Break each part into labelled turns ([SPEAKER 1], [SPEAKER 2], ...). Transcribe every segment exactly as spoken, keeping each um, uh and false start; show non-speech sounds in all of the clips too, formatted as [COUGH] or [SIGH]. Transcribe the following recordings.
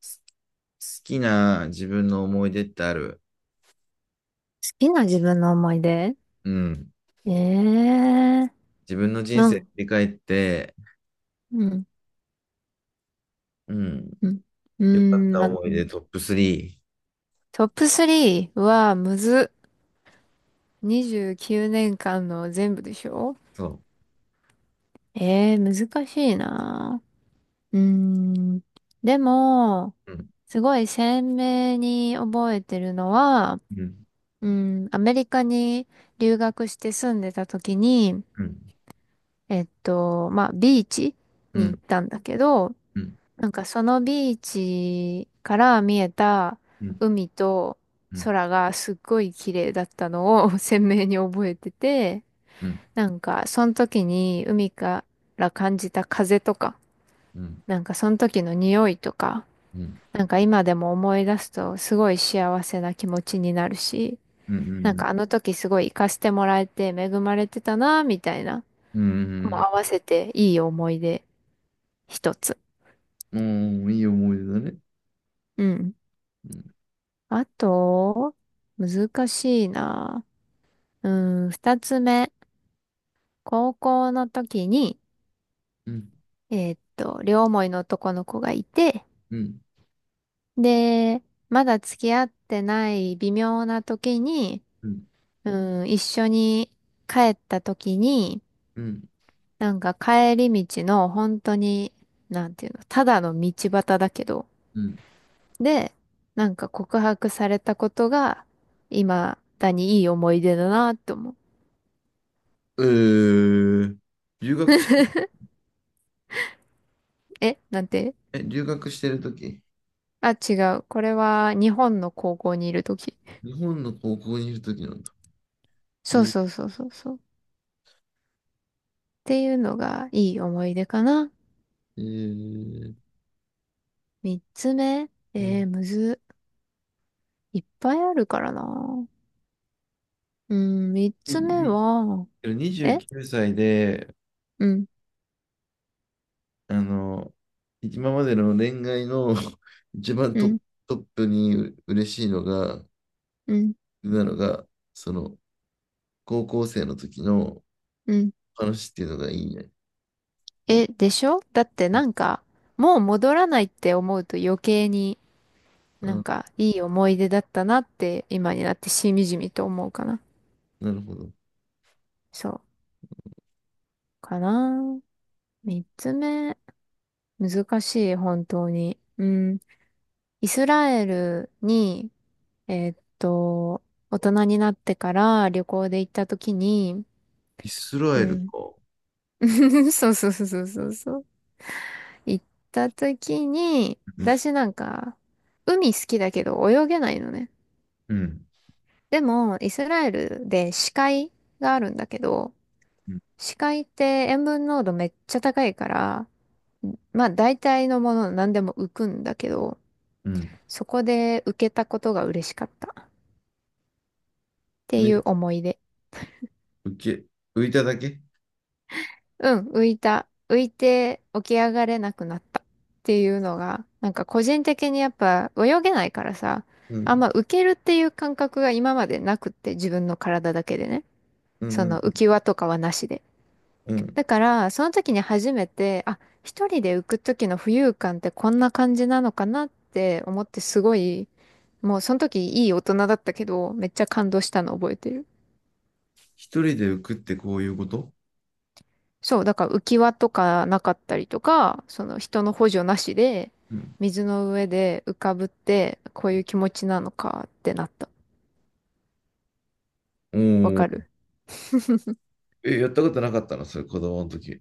[SPEAKER 1] す好きな自分の思い出ってある？
[SPEAKER 2] きな自分の思い出。
[SPEAKER 1] うん。
[SPEAKER 2] ええー
[SPEAKER 1] 自分の人
[SPEAKER 2] う
[SPEAKER 1] 生振
[SPEAKER 2] ん、
[SPEAKER 1] り返って、
[SPEAKER 2] うん、
[SPEAKER 1] うん。
[SPEAKER 2] うん。うー
[SPEAKER 1] 良かっ
[SPEAKER 2] ん、
[SPEAKER 1] た
[SPEAKER 2] ま
[SPEAKER 1] 思い出トップスリー。
[SPEAKER 2] トップスリーはむずっ。にじゅうきゅうねんかんの全部でしょ？
[SPEAKER 1] そ
[SPEAKER 2] ええー難しいな。うーん。でも、
[SPEAKER 1] う。うん。
[SPEAKER 2] すごい鮮明に覚えてるのは、
[SPEAKER 1] うん。
[SPEAKER 2] うん、アメリカに留学して住んでた時に、
[SPEAKER 1] うん。
[SPEAKER 2] えっと、まあ、ビーチ
[SPEAKER 1] う
[SPEAKER 2] に行っ
[SPEAKER 1] ん。
[SPEAKER 2] たんだけど、
[SPEAKER 1] うん。
[SPEAKER 2] なんかそのビーチから見えた
[SPEAKER 1] うん。
[SPEAKER 2] 海と
[SPEAKER 1] うん。
[SPEAKER 2] 空がすっごい綺麗だったのを [LAUGHS] 鮮明に覚えてて、
[SPEAKER 1] うん。
[SPEAKER 2] なんかその時に海から感じた風とか、
[SPEAKER 1] うん。
[SPEAKER 2] なんかその時の匂いとか、
[SPEAKER 1] うん。
[SPEAKER 2] なんか今でも思い出すとすごい幸せな気持ちになるし、
[SPEAKER 1] うん。う
[SPEAKER 2] なん
[SPEAKER 1] ん。
[SPEAKER 2] かあの時すごい行かせてもらえて恵まれてたなみたいな、も
[SPEAKER 1] う
[SPEAKER 2] う
[SPEAKER 1] ん。
[SPEAKER 2] 合わせていい思い出一つ。
[SPEAKER 1] うん。いい思い出だね。
[SPEAKER 2] うん、
[SPEAKER 1] うん。
[SPEAKER 2] あと、難しいな。うん、二つ目。高校の時に、
[SPEAKER 1] うん。
[SPEAKER 2] えーっと、両思いの男の子がいて、
[SPEAKER 1] うん。
[SPEAKER 2] で、まだ付き合ってない微妙な時に、
[SPEAKER 1] うん。
[SPEAKER 2] うん、一緒に帰った時に、
[SPEAKER 1] うん。うん
[SPEAKER 2] なんか帰り道の本当に、なんていうの、ただの道端だけど、
[SPEAKER 1] うん。
[SPEAKER 2] で、なんか告白されたことが、今だにいい思い出だなって思う。
[SPEAKER 1] えー。留学し、
[SPEAKER 2] え、なんて、
[SPEAKER 1] え、留学してるとき、
[SPEAKER 2] あ、違う。これは日本の高校にいるとき。
[SPEAKER 1] 日本の高校にいるときなんだ。え
[SPEAKER 2] そう
[SPEAKER 1] ー、
[SPEAKER 2] そうそうそうそう。っていうのがいい思い出かな。
[SPEAKER 1] えー、
[SPEAKER 2] 三つ目。
[SPEAKER 1] う
[SPEAKER 2] え
[SPEAKER 1] ん。
[SPEAKER 2] ー、むず。いっぱいあるからな。うん、三
[SPEAKER 1] い
[SPEAKER 2] つ目
[SPEAKER 1] い
[SPEAKER 2] は、
[SPEAKER 1] けど
[SPEAKER 2] え、
[SPEAKER 1] にじゅうきゅうさいで、
[SPEAKER 2] うん、
[SPEAKER 1] あの、今までの恋愛の [LAUGHS] 一番
[SPEAKER 2] う
[SPEAKER 1] トップ、
[SPEAKER 2] ん、
[SPEAKER 1] トップにう嬉しいのが、
[SPEAKER 2] うん、
[SPEAKER 1] なのが、その、高校生の時の
[SPEAKER 2] うん。
[SPEAKER 1] 話っていうのがいいね。
[SPEAKER 2] え、でしょ？だって
[SPEAKER 1] うん。
[SPEAKER 2] なんか、もう戻らないって思うと余計になん
[SPEAKER 1] あ、
[SPEAKER 2] かいい思い出だったなって今になってしみじみと思うかな。
[SPEAKER 1] なるほど。
[SPEAKER 2] そう。かな。三つ目。難しい、本当に。うん。イスラエルに、えーっと、大人になってから旅行で行った時に、
[SPEAKER 1] イスラ
[SPEAKER 2] う
[SPEAKER 1] エル
[SPEAKER 2] ん。
[SPEAKER 1] か。
[SPEAKER 2] [LAUGHS] そうそうそうそうそうそう。行った時に、
[SPEAKER 1] うん。
[SPEAKER 2] 私なんか、海好きだけど泳げないのね。
[SPEAKER 1] うん。
[SPEAKER 2] でも、イスラエルで死海があるんだけど、
[SPEAKER 1] うん
[SPEAKER 2] 死海って塩分濃度めっちゃ高いから、まあ大体のもの何でも浮くんだけど、
[SPEAKER 1] うん
[SPEAKER 2] そこで浮けたことが嬉しかったってい
[SPEAKER 1] ね、
[SPEAKER 2] う思い出。
[SPEAKER 1] 浮け、浮いただけ？
[SPEAKER 2] うん、浮いた。浮いて起き上がれなくなったっていうのが、なんか個人的にやっぱ泳げないからさ、
[SPEAKER 1] う
[SPEAKER 2] あん
[SPEAKER 1] ん。
[SPEAKER 2] ま浮けるっていう感覚が今までなくって自分の体だけでね。
[SPEAKER 1] うん。
[SPEAKER 2] そ
[SPEAKER 1] う
[SPEAKER 2] の浮
[SPEAKER 1] ん。
[SPEAKER 2] き輪とかはなしで。
[SPEAKER 1] うん。
[SPEAKER 2] だから、その時に初めて、あ、一人で浮く時の浮遊感ってこんな感じなのかなって思ってすごい、もうその時いい大人だったけど、めっちゃ感動したの覚えてる。
[SPEAKER 1] 一人で浮くってこういうこと？
[SPEAKER 2] そう、だから浮き輪とかなかったりとか、その人の補助なしで、
[SPEAKER 1] うん。
[SPEAKER 2] 水の上で浮かぶって、こういう気持ちなのかってなった。
[SPEAKER 1] お
[SPEAKER 2] わ
[SPEAKER 1] ー。
[SPEAKER 2] かる？ [LAUGHS]
[SPEAKER 1] え、やったことなかったのそれ、子供の時？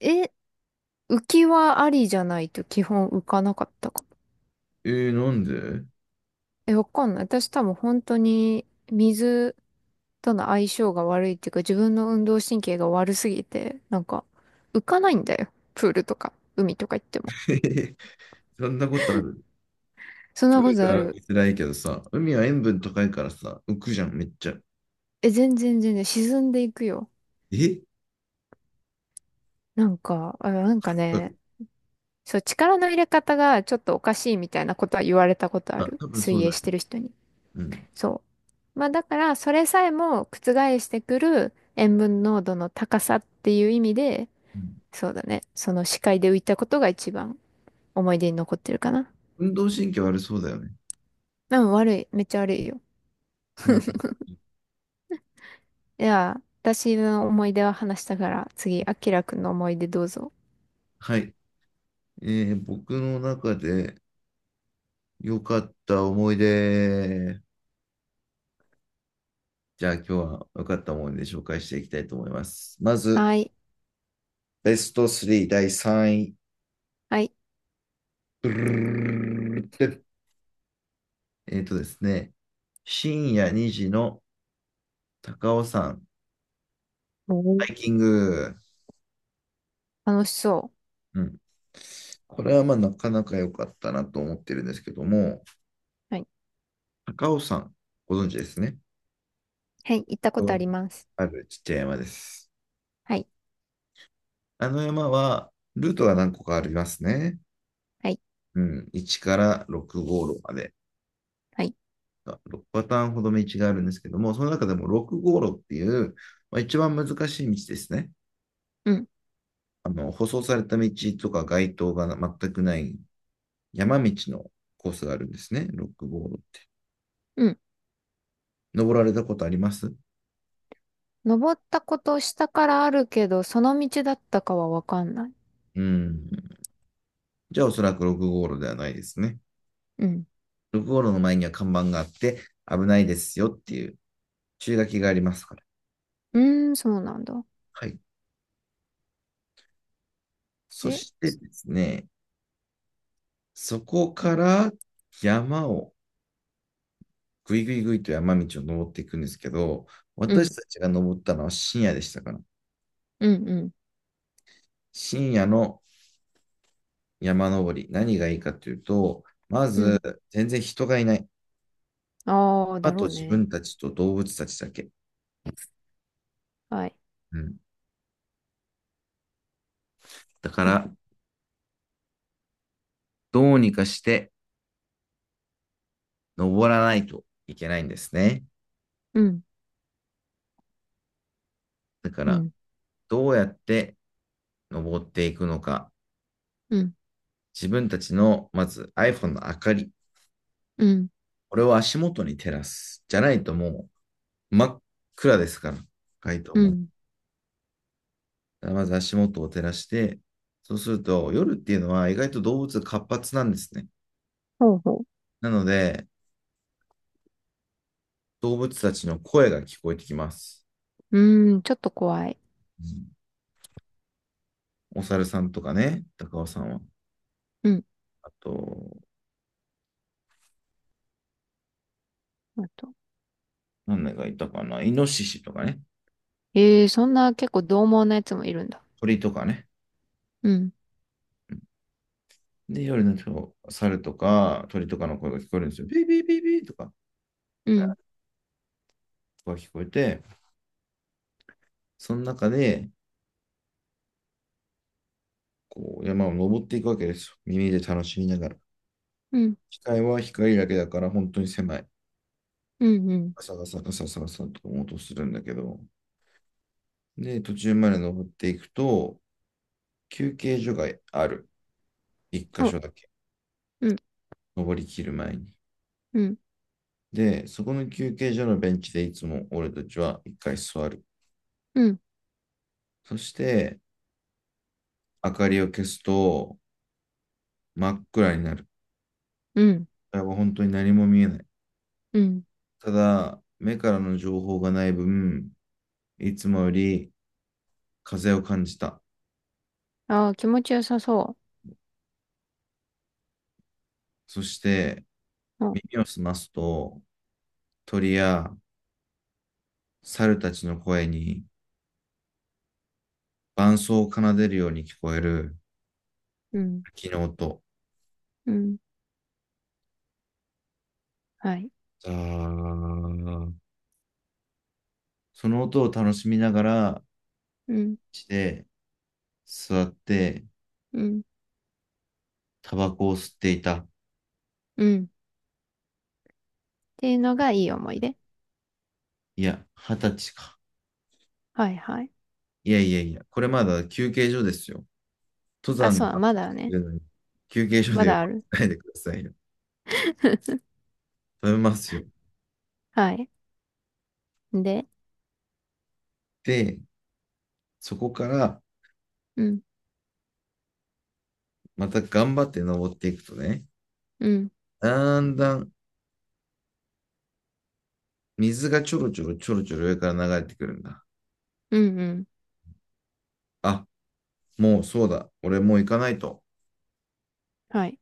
[SPEAKER 2] え、浮き輪ありじゃないと基本浮かなかったかも。
[SPEAKER 1] えー、なんで？
[SPEAKER 2] え、わかんない。私多分本当に水との相性が悪いっていうか、自分の運動神経が悪すぎて、なんか浮かないんだよ。プールとか、海とか行っても。
[SPEAKER 1] [LAUGHS] そんなことある？
[SPEAKER 2] そんなこ
[SPEAKER 1] 海
[SPEAKER 2] とあ
[SPEAKER 1] は
[SPEAKER 2] る。
[SPEAKER 1] 辛いけどさ、海は塩分高いからさ、浮くじゃん、めっちゃ。
[SPEAKER 2] え、全然全然沈んでいくよ。
[SPEAKER 1] え？
[SPEAKER 2] なんか、あ、なんかね、そう、力の入れ方がちょっとおかしいみたいなことは言われたことあ
[SPEAKER 1] あ、
[SPEAKER 2] る。
[SPEAKER 1] 多分そ
[SPEAKER 2] 水
[SPEAKER 1] う
[SPEAKER 2] 泳
[SPEAKER 1] だね。
[SPEAKER 2] してる人に。
[SPEAKER 1] うん。
[SPEAKER 2] そう。まあだから、それさえも覆してくる塩分濃度の高さっていう意味で、
[SPEAKER 1] うん。
[SPEAKER 2] そうだね。その視界で浮いたことが一番思い出に残ってるかな。
[SPEAKER 1] 運動神経悪そうだよね。
[SPEAKER 2] うん、悪い。めっちゃ悪いよ。
[SPEAKER 1] そんな感じ？
[SPEAKER 2] いや、私の思い出は話したから、次、あきらくんの思い出どうぞ。
[SPEAKER 1] はい。えー、僕の中で良かった思い出。じゃあ今日は良かった思い出紹介していきたいと思います。まず、
[SPEAKER 2] はい。
[SPEAKER 1] ベストスリーだいさんい。
[SPEAKER 2] はい。
[SPEAKER 1] ドゥルルルルルルっ。えーとですね、深夜にじの高尾山
[SPEAKER 2] おー、
[SPEAKER 1] ハイキング。
[SPEAKER 2] 楽しそ
[SPEAKER 1] うん。これはまあなかなか良かったなと思ってるんですけども、
[SPEAKER 2] う。はい。
[SPEAKER 1] 高尾山、ご存知ですね？
[SPEAKER 2] はい。行ったことあります。
[SPEAKER 1] あるちっちゃい山です。
[SPEAKER 2] はい。
[SPEAKER 1] あの山は、ルートが何個かありますね。
[SPEAKER 2] はい。
[SPEAKER 1] うん、いちからろく号路まで。
[SPEAKER 2] はい。
[SPEAKER 1] ろくパターンほど道があるんですけども、その中でもろく号路っていう、まあ、一番難しい道ですね。
[SPEAKER 2] うん。
[SPEAKER 1] あの、舗装された道とか街灯が全くない山道のコースがあるんですね。ろく号路って。
[SPEAKER 2] うん、
[SPEAKER 1] 登られたことあります？
[SPEAKER 2] 登ったこと下からあるけど、その道だったかはわかんない。
[SPEAKER 1] うん。じゃあおそらくろく号路ではないですね。
[SPEAKER 2] うん。
[SPEAKER 1] 道路の前には看板があって、危ないですよっていう注意書きがありますから。
[SPEAKER 2] うーん、そうなんだ。
[SPEAKER 1] はい。そ
[SPEAKER 2] で、
[SPEAKER 1] してですね、そこから山をぐいぐいぐいと山道を登っていくんですけど、
[SPEAKER 2] うん、
[SPEAKER 1] 私たちが登ったのは深夜でしたから。
[SPEAKER 2] うん、うん、
[SPEAKER 1] 深夜の山登り、何がいいかというと、ま
[SPEAKER 2] う
[SPEAKER 1] ず
[SPEAKER 2] ん。
[SPEAKER 1] 全然人がいない。
[SPEAKER 2] ああ、
[SPEAKER 1] あ
[SPEAKER 2] だ
[SPEAKER 1] と
[SPEAKER 2] ろう
[SPEAKER 1] 自
[SPEAKER 2] ね。
[SPEAKER 1] 分たちと動物たちだけ。
[SPEAKER 2] はい。
[SPEAKER 1] うん。だか
[SPEAKER 2] あ
[SPEAKER 1] ら、どうにかして登らないといけないんですね。
[SPEAKER 2] うん、
[SPEAKER 1] だか
[SPEAKER 2] う
[SPEAKER 1] ら、
[SPEAKER 2] ん、
[SPEAKER 1] どうやって登っていくのか、
[SPEAKER 2] うん、
[SPEAKER 1] 自分たちの、まず アイフォン の明かり、
[SPEAKER 2] うん、
[SPEAKER 1] これを足元に照らす。じゃないともう真っ暗ですから、深いと
[SPEAKER 2] う
[SPEAKER 1] 思う。
[SPEAKER 2] ん。
[SPEAKER 1] まず足元を照らして、そうすると夜っていうのは意外と動物が活発なんですね。
[SPEAKER 2] ほうほ
[SPEAKER 1] なので、動物たちの声が聞こえてきます。
[SPEAKER 2] う。うーん、ちょっと怖い。
[SPEAKER 1] うん。お猿さんとかね、高尾さんは。
[SPEAKER 2] うん。
[SPEAKER 1] あと、
[SPEAKER 2] あと。
[SPEAKER 1] 何がいたかな、イノシシとかね、
[SPEAKER 2] ええー、そんな結構獰猛なやつもいるんだ。
[SPEAKER 1] 鳥とかね。
[SPEAKER 2] うん、
[SPEAKER 1] で、夜のと、猿とか鳥とかの声が聞こえるんですよ。ビービービービーとか。
[SPEAKER 2] うん、
[SPEAKER 1] が聞こえて、その中で、こう、山を登っていくわけですよ。耳で楽しみながら。
[SPEAKER 2] うん、
[SPEAKER 1] 視界は光だけだから本当に狭い。
[SPEAKER 2] うん、うん。
[SPEAKER 1] ガサガサガサガサと音するんだけど、で、途中まで登っていくと、休憩所がある。一
[SPEAKER 2] そ
[SPEAKER 1] 箇
[SPEAKER 2] う、
[SPEAKER 1] 所だけ。
[SPEAKER 2] うん、
[SPEAKER 1] 登りきる前に。
[SPEAKER 2] うん、
[SPEAKER 1] で、そこの休憩所のベンチでいつも俺たちはいっかい座る。
[SPEAKER 2] うん、
[SPEAKER 1] そして、明かりを消すと真っ暗になる。
[SPEAKER 2] うん、
[SPEAKER 1] 本当に何も見えない。
[SPEAKER 2] うん。
[SPEAKER 1] ただ、目からの情報がない分、いつもより風を感じた。
[SPEAKER 2] ああ、気持ちよさそ
[SPEAKER 1] そして
[SPEAKER 2] う。ほ
[SPEAKER 1] 耳を澄ますと鳥や猿たちの声に伴奏を奏でるように聞こえる
[SPEAKER 2] うん
[SPEAKER 1] 滝の音。
[SPEAKER 2] うん、うん。はい。
[SPEAKER 1] ザー。その音を楽しみながら、
[SPEAKER 2] うん、
[SPEAKER 1] して座って
[SPEAKER 2] うん、
[SPEAKER 1] タバコを吸っていた。
[SPEAKER 2] うん。ていうのがいい思い出。
[SPEAKER 1] いや、はたちか。
[SPEAKER 2] はいはい。
[SPEAKER 1] いやいやいや、これまだ休憩所ですよ。登
[SPEAKER 2] あ、
[SPEAKER 1] 山
[SPEAKER 2] そ
[SPEAKER 1] の
[SPEAKER 2] うだ、
[SPEAKER 1] 話
[SPEAKER 2] まだ
[SPEAKER 1] して
[SPEAKER 2] ね。
[SPEAKER 1] るのに休憩所
[SPEAKER 2] ま
[SPEAKER 1] で呼
[SPEAKER 2] だある。
[SPEAKER 1] ばないでくださいよ。
[SPEAKER 2] [LAUGHS]
[SPEAKER 1] 食べますよ。
[SPEAKER 2] はい。で、
[SPEAKER 1] で、そこから
[SPEAKER 2] うん、
[SPEAKER 1] また頑張って登っていくとね、
[SPEAKER 2] うん、
[SPEAKER 1] だんだん水がちょろちょろちょろちょろ上から流れてくるんだ。
[SPEAKER 2] うん、うん。
[SPEAKER 1] あ、もうそうだ。俺もう行かないと。
[SPEAKER 2] はい。